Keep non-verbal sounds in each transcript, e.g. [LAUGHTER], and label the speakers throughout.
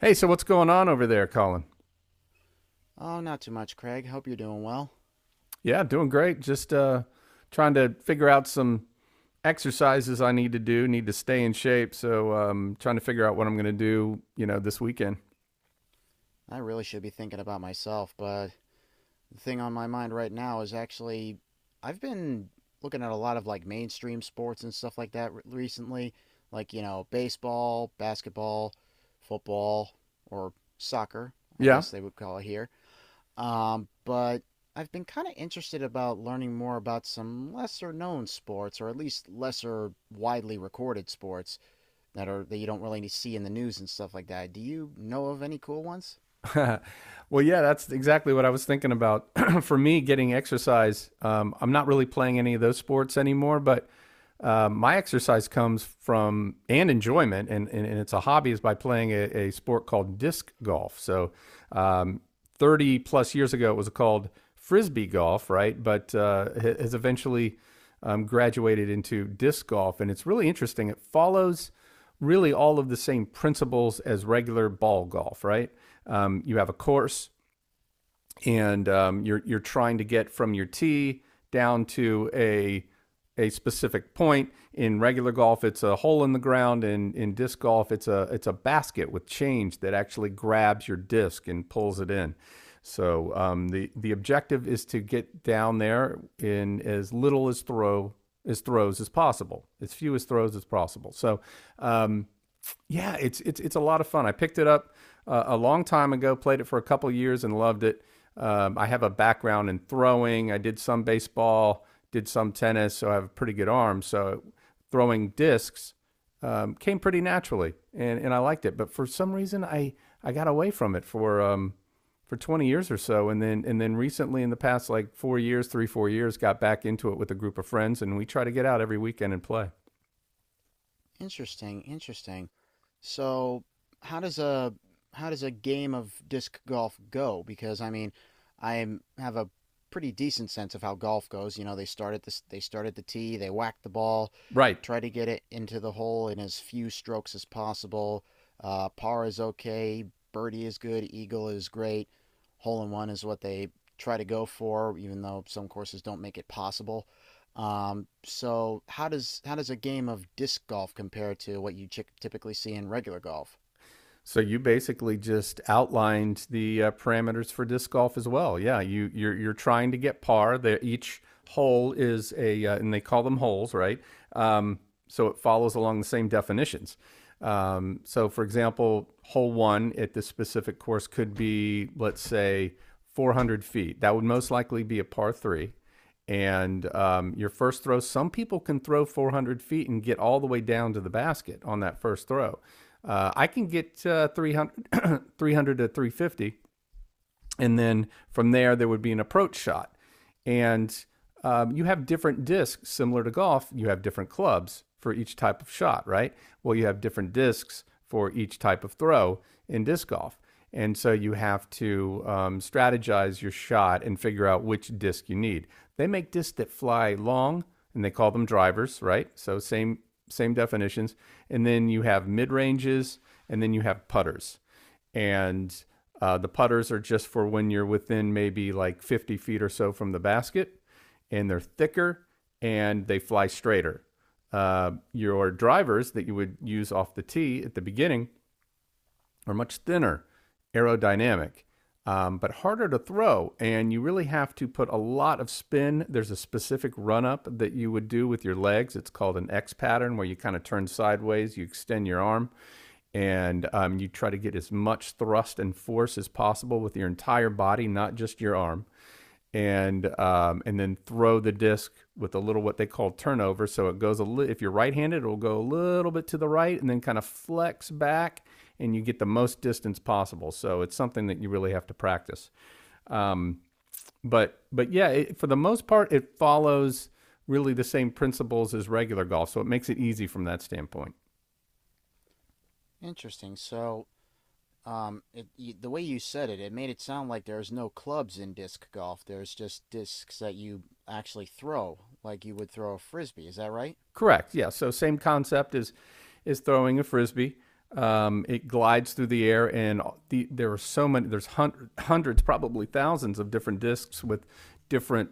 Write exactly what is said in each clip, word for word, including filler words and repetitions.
Speaker 1: Hey, so what's going on over there, Colin?
Speaker 2: "Oh, not too much, Craig. Hope you're doing well.
Speaker 1: Yeah, doing great. Just uh, trying to figure out some exercises I need to do. Need to stay in shape. So um, trying to figure out what I'm going to do, you know, this weekend.
Speaker 2: I really should be thinking about myself, but the thing on my mind right now is actually I've been looking at a lot of like mainstream sports and stuff like that recently, like, you know, baseball, basketball, football, or soccer, I
Speaker 1: Yeah.
Speaker 2: guess they would call it here. Um, but I've been kind of interested about learning more about some lesser known sports, or at least lesser widely recorded sports that are that you don't really see in the news and stuff like that. Do you know of any cool ones?
Speaker 1: [LAUGHS] Well, yeah, that's exactly what I was thinking about. [CLEARS THROAT] For me, getting exercise. Um, I'm not really playing any of those sports anymore, but uh, my exercise comes from and enjoyment, and, and, and it's a hobby, is by playing a, a sport called disc golf. So, um, thirty plus years ago, it was called frisbee golf, right? But uh, has eventually um, graduated into disc golf, and it's really interesting. It follows really all of the same principles as regular ball golf, right? Um, you have a course, and um, you're you're trying to get from your tee down to a a specific point. In regular golf, it's a hole in the ground, and in disc golf, it's a it's a basket with change that actually grabs your disc and pulls it in. So um, the the objective is to get down there in as little as throw as throws as possible, as few as throws as possible. So um, yeah, it's it's it's a lot of fun. I picked it up uh, a long time ago, played it for a couple years, and loved it. Um, I have a background in throwing. I did some baseball, did some tennis, so I have a pretty good arm. So throwing discs um, came pretty naturally, and and I liked it. But for some reason, I I got away from it for um for twenty years or so, and then and then recently in the past like four years, three four years, got back into it with a group of friends, and we try to get out every weekend and play.
Speaker 2: Interesting, interesting. So, how does a how does a game of disc golf go? Because I mean, I have a pretty decent sense of how golf goes. You know, they start at this, they start at the tee, they whack the ball,
Speaker 1: Right.
Speaker 2: try to get it into the hole in as few strokes as possible. Uh, par is okay, birdie is good, eagle is great, hole in one is what they try to go for, even though some courses don't make it possible. Um, so how does how does a game of disc golf compare to what you chick typically see in regular golf?
Speaker 1: So you basically just outlined the uh, parameters for disc golf as well. Yeah, you you're you're trying to get par. That each hole is a uh, and they call them holes, right? Um, so it follows along the same definitions. Um, so for example, hole one at this specific course could be, let's say, four hundred feet. That would most likely be a par three, and um, your first throw. Some people can throw four hundred feet and get all the way down to the basket on that first throw. Uh, I can get uh, three hundred [CLEARS THROAT] to three fifty, and then from there there would be an approach shot, and um, you have different discs. Similar to golf, you have different clubs for each type of shot, right? Well, you have different discs for each type of throw in disc golf. And so you have to um, strategize your shot and figure out which disc you need. They make discs that fly long, and they call them drivers, right? So same same definitions. And then you have mid ranges, and then you have putters. And uh, the putters are just for when you're within maybe like fifty feet or so from the basket, and they're thicker and they fly straighter. Uh, your drivers that you would use off the tee at the beginning are much thinner, aerodynamic, um, but harder to throw. And you really have to put a lot of spin. There's a specific run up that you would do with your legs. It's called an X pattern, where you kind of turn sideways, you extend your arm, and um, you try to get as much thrust and force as possible with your entire body, not just your arm. And um, and then throw the disc with a little what they call turnover. So it goes a li- if you're right-handed, it'll go a little bit to the right and then kind of flex back, and you get the most distance possible. So it's something that you really have to practice. Um, but but yeah, it, for the most part, it follows really the same principles as regular golf, so it makes it easy from that standpoint.
Speaker 2: Interesting. So, um, it, you, the way you said it, it made it sound like there's no clubs in disc golf. There's just discs that you actually throw, like you would throw a frisbee. Is that right?
Speaker 1: Correct. Yeah. So same concept is is throwing a frisbee. Um, it glides through the air, and the, there are so many. There's hundred, hundreds, probably thousands of different discs with different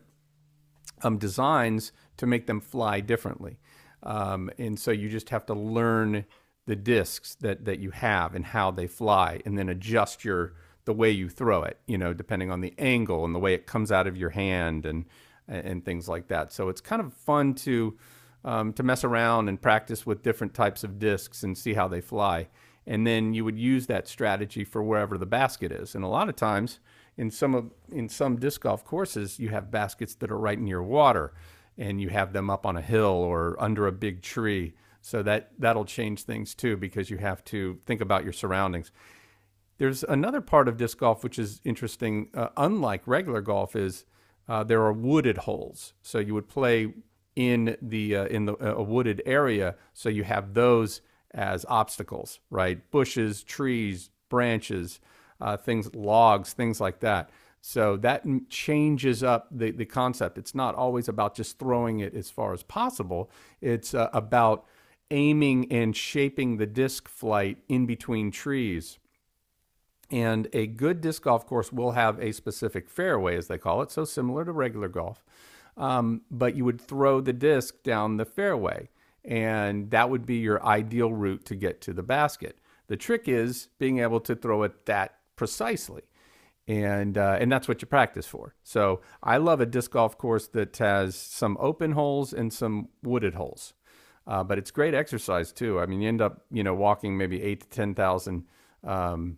Speaker 1: um, designs to make them fly differently. Um, and so you just have to learn the discs that, that you have and how they fly, and then adjust your the way you throw it, you know, depending on the angle and the way it comes out of your hand and and things like that. So it's kind of fun to um, to mess around and practice with different types of discs and see how they fly, and then you would use that strategy for wherever the basket is. And a lot of times, in some of in some disc golf courses, you have baskets that are right near water, and you have them up on a hill or under a big tree. So that that'll change things too because you have to think about your surroundings. There's another part of disc golf which is interesting. Uh, unlike regular golf, is uh, there are wooded holes. So you would play in the uh, in the, uh, a wooded area. So you have those as obstacles, right? Bushes, trees, branches, uh, things, logs, things like that. So that changes up the, the concept. It's not always about just throwing it as far as possible. It's uh, about aiming and shaping the disc flight in between trees. And a good disc golf course will have a specific fairway, as they call it, so similar to regular golf. Um, but you would throw the disc down the fairway, and that would be your ideal route to get to the basket. The trick is being able to throw it that precisely, and uh, and that's what you practice for. So I love a disc golf course that has some open holes and some wooded holes. Uh, but it's great exercise too. I mean, you end up, you know, walking maybe eight to ten thousand um,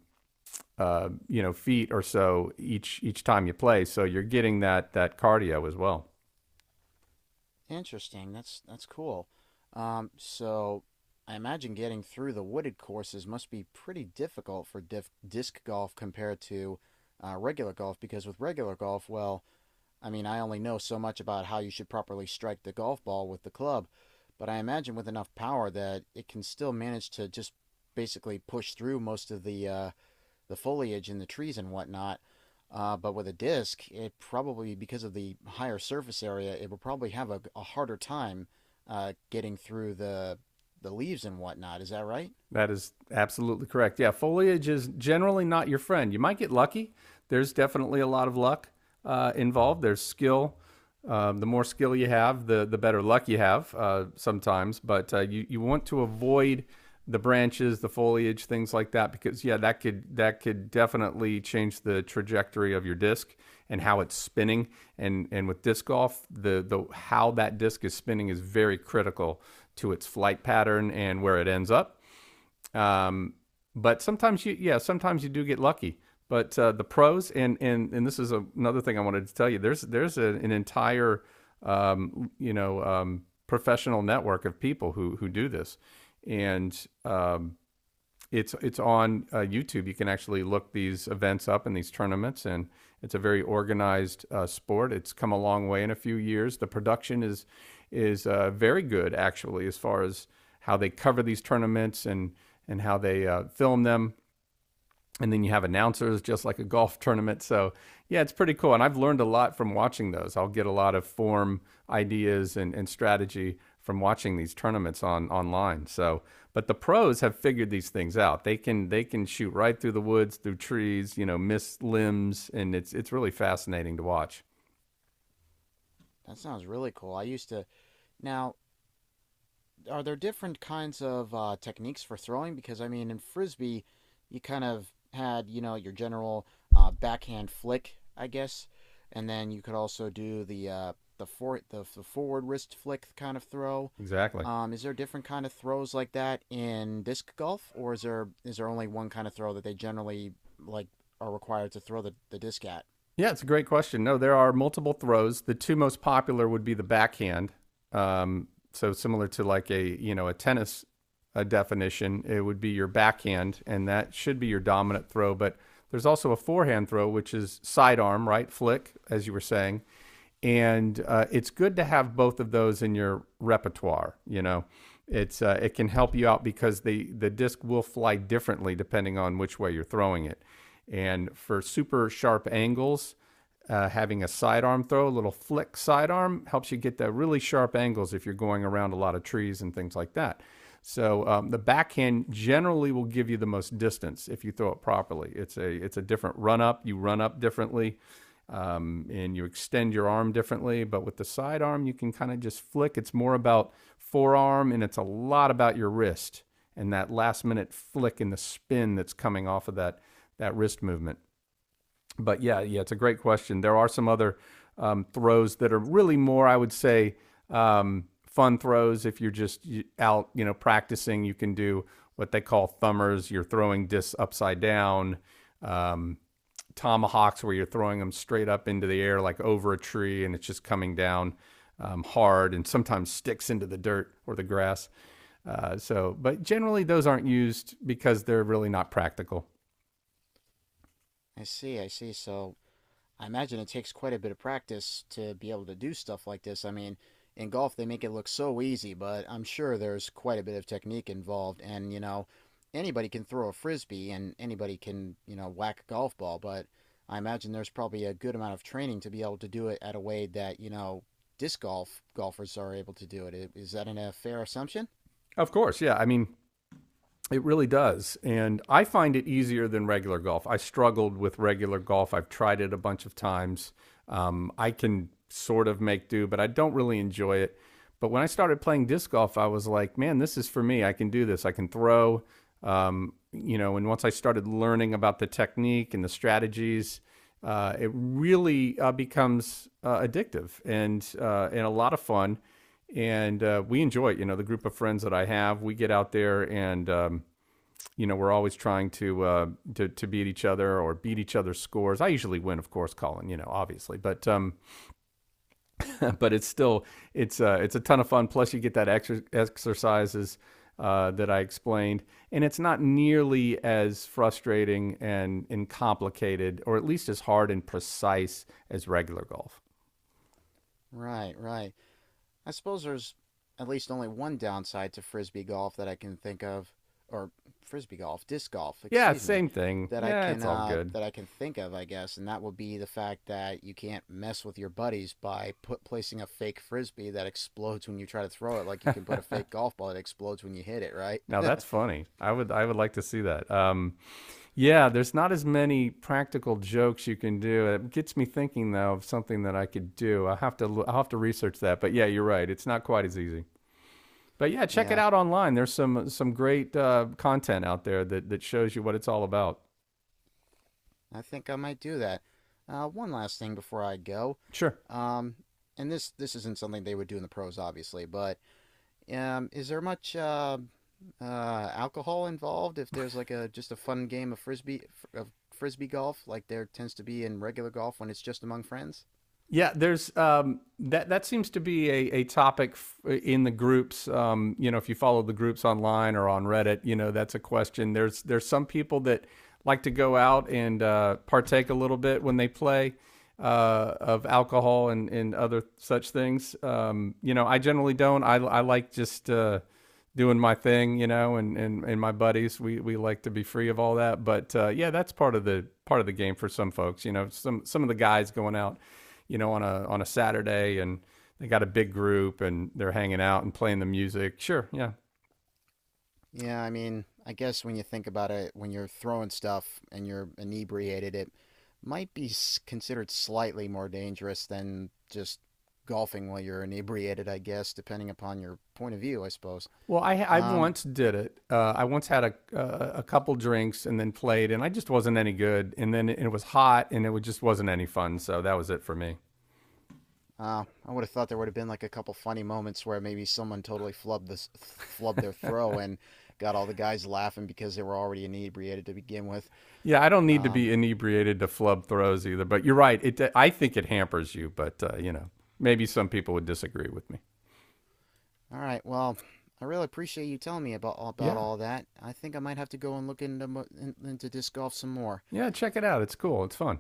Speaker 1: uh, you know, feet or so each each time you play. So you're getting that that cardio as well.
Speaker 2: Interesting. That's that's cool. Um, so I imagine getting through the wooded courses must be pretty difficult for diff disc golf compared to uh, regular golf because with regular golf, well, I mean, I only know so much about how you should properly strike the golf ball with the club, but I imagine with enough power that it can still manage to just basically push through most of the uh, the foliage and the trees and whatnot. Uh, but with a disc, it probably because of the higher surface area, it will probably have a, a harder time uh, getting through the the leaves and whatnot. Is that right?
Speaker 1: That is absolutely correct. Yeah, foliage is generally not your friend. You might get lucky. There's definitely a lot of luck uh, involved. There's skill. Um, the more skill you have, the the better luck you have uh, sometimes. But uh, you you want to avoid the branches, the foliage, things like that, because yeah, that could that could definitely change the trajectory of your disc and how it's spinning. And and with disc golf, the the how that disc is spinning is very critical to its flight pattern and where it ends up. um, but sometimes you, yeah, sometimes you do get lucky. But uh, the pros, and and and this is a, another thing I wanted to tell you. There's there's a, an entire, um, you know, um, professional network of people who who do this, and um, it's it's on uh, YouTube. You can actually look these events up and these tournaments, and it's a very organized uh, sport. It's come a long way in a few years. The production is is uh, very good actually, as far as how they cover these tournaments and and how they uh, film them, and then you have announcers just like a golf [LAUGHS] tournament. So yeah, it's pretty cool, and I've learned a lot from watching those. I'll get a lot of form ideas and, and strategy from watching these tournaments on online. So but the pros have figured these things out. They can they can shoot right through the woods through trees, you know, miss limbs, and it's it's really fascinating to watch.
Speaker 2: That sounds really cool. I used to now Are there different kinds of uh, techniques for throwing? Because I mean, in frisbee, you kind of had, you know, your general uh, backhand flick, I guess, and then you could also do the uh, the for the, the forward wrist flick kind of throw.
Speaker 1: Exactly.
Speaker 2: Um, is there different kind of throws like that in disc golf, or is there is there only one kind of throw that they generally like are required to throw the, the disc at?
Speaker 1: Yeah, it's a great question. No, there are multiple throws. The two most popular would be the backhand. um, so similar to like, a you know, a tennis, a definition, it would be your backhand, and that should be your dominant throw. But there's also a forehand throw, which is sidearm, right? Flick, as you were saying. And uh, it's good to have both of those in your repertoire. You know, it's uh, it can help you out because the the disc will fly differently depending on which way you're throwing it. And for super sharp angles, uh, having a sidearm throw, a little flick sidearm, helps you get the really sharp angles if you're going around a lot of trees and things like that. So um, the backhand generally will give you the most distance if you throw it properly. It's a it's a different run up. You run up differently, um, and you extend your arm differently. But with the sidearm, you can kind of just flick. It's more about forearm, and it's a lot about your wrist and that last minute flick and the spin that's coming off of that that wrist movement. But yeah, yeah, it's a great question. There are some other um, throws that are really more, I would say, um, fun throws. If you're just out, you know, practicing, you can do what they call thumbers. You're throwing discs upside down. Um, Tomahawks, where you're throwing them straight up into the air, like over a tree, and it's just coming down um, hard and sometimes sticks into the dirt or the grass. Uh, so, but generally, those aren't used because they're really not practical.
Speaker 2: I see, I see. So I imagine it takes quite a bit of practice to be able to do stuff like this. I mean, in golf, they make it look so easy, but I'm sure there's quite a bit of technique involved. And, you know, anybody can throw a frisbee and anybody can, you know, whack a golf ball, but I imagine there's probably a good amount of training to be able to do it at a way that, you know, disc golf golfers are able to do it. Is that an, a fair assumption?
Speaker 1: Of course, yeah. I mean, it really does. And I find it easier than regular golf. I struggled with regular golf. I've tried it a bunch of times. Um, I can sort of make do, but I don't really enjoy it. But when I started playing disc golf, I was like, man, this is for me. I can do this. I can throw. Um, you know, and once I started learning about the technique and the strategies, uh, it really uh, becomes uh, addictive and uh, and a lot of fun and uh, we enjoy it. You know, the group of friends that I have, we get out there and um, you know we're always trying to, uh, to to beat each other or beat each other's scores. I usually win, of course, Colin. You know, obviously, but um, [LAUGHS] but it's still it's uh, it's a ton of fun. Plus, you get that exer- exercises. Uh, that I explained, and it's not nearly as frustrating and, and complicated, or at least as hard and precise as regular golf.
Speaker 2: Right, right. I suppose there's at least only one downside to frisbee golf that I can think of, or frisbee golf, disc golf,
Speaker 1: Yeah,
Speaker 2: excuse me,
Speaker 1: same thing.
Speaker 2: that I
Speaker 1: Yeah,
Speaker 2: can
Speaker 1: it's all
Speaker 2: uh,
Speaker 1: good.
Speaker 2: that I can think of, I guess, and that would be the fact that you can't mess with your buddies by put placing a fake frisbee that explodes when you try to throw it, like you can put a fake golf ball that explodes when you hit it, right?
Speaker 1: Now
Speaker 2: [LAUGHS]
Speaker 1: that's funny. I would I would like to see that. Um, yeah, there's not as many practical jokes you can do. It gets me thinking though of something that I could do. I have to lo- I'll have to research that. But yeah, you're right. It's not quite as easy. But yeah, check it
Speaker 2: Yeah,
Speaker 1: out online. There's some some great uh, content out there that that shows you what it's all about.
Speaker 2: I think I might do that. Uh, one last thing before I go,
Speaker 1: Sure.
Speaker 2: um, and this this isn't something they would do in the pros, obviously, but Um, is there much uh, uh, alcohol involved if there's like a just a fun game of frisbee fr- of frisbee golf like there tends to be in regular golf when it's just among friends?
Speaker 1: Yeah, there's um, that. That seems to be a, a topic f- in the groups. Um, you know, if you follow the groups online or on Reddit, you know that's a question. There's there's some people that like to go out and uh, partake a little bit when they play uh, of alcohol and, and other such things. Um, you know, I generally don't. I I like just uh, doing my thing. You know, and, and and my buddies, we we like to be free of all that. But uh, yeah, that's part of the part of the game for some folks. You know, some some of the guys going out you know, on a on a Saturday and they got a big group and they're hanging out and playing the music. Sure, yeah.
Speaker 2: Yeah, I mean, I guess when you think about it, when you're throwing stuff and you're inebriated, it might be s- considered slightly more dangerous than just golfing while you're inebriated, I guess, depending upon your point of view, I suppose.
Speaker 1: Well, I I
Speaker 2: Um,
Speaker 1: once did it. Uh, I once had a uh, a couple drinks and then played, and I just wasn't any good. And then it it was hot, and it was, just wasn't any fun. So that was it for me.
Speaker 2: Uh, I would have thought there would have been like a couple funny moments where maybe someone totally flubbed this flubbed their throw and got all the guys laughing because they were already inebriated to begin with.
Speaker 1: Yeah, I don't need to
Speaker 2: Um,
Speaker 1: be inebriated to flub throws either. But you're right. It I think it hampers you, but uh, you know, maybe some people would disagree with me.
Speaker 2: all right, well, I really appreciate you telling me about about
Speaker 1: Yeah,
Speaker 2: all that. I think I might have to go and look into into disc golf some more.
Speaker 1: yeah. Check it out. It's cool. It's fun.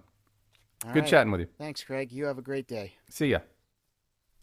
Speaker 2: All
Speaker 1: Good
Speaker 2: right,
Speaker 1: chatting with you.
Speaker 2: thanks, Craig. You have a great day.
Speaker 1: See ya.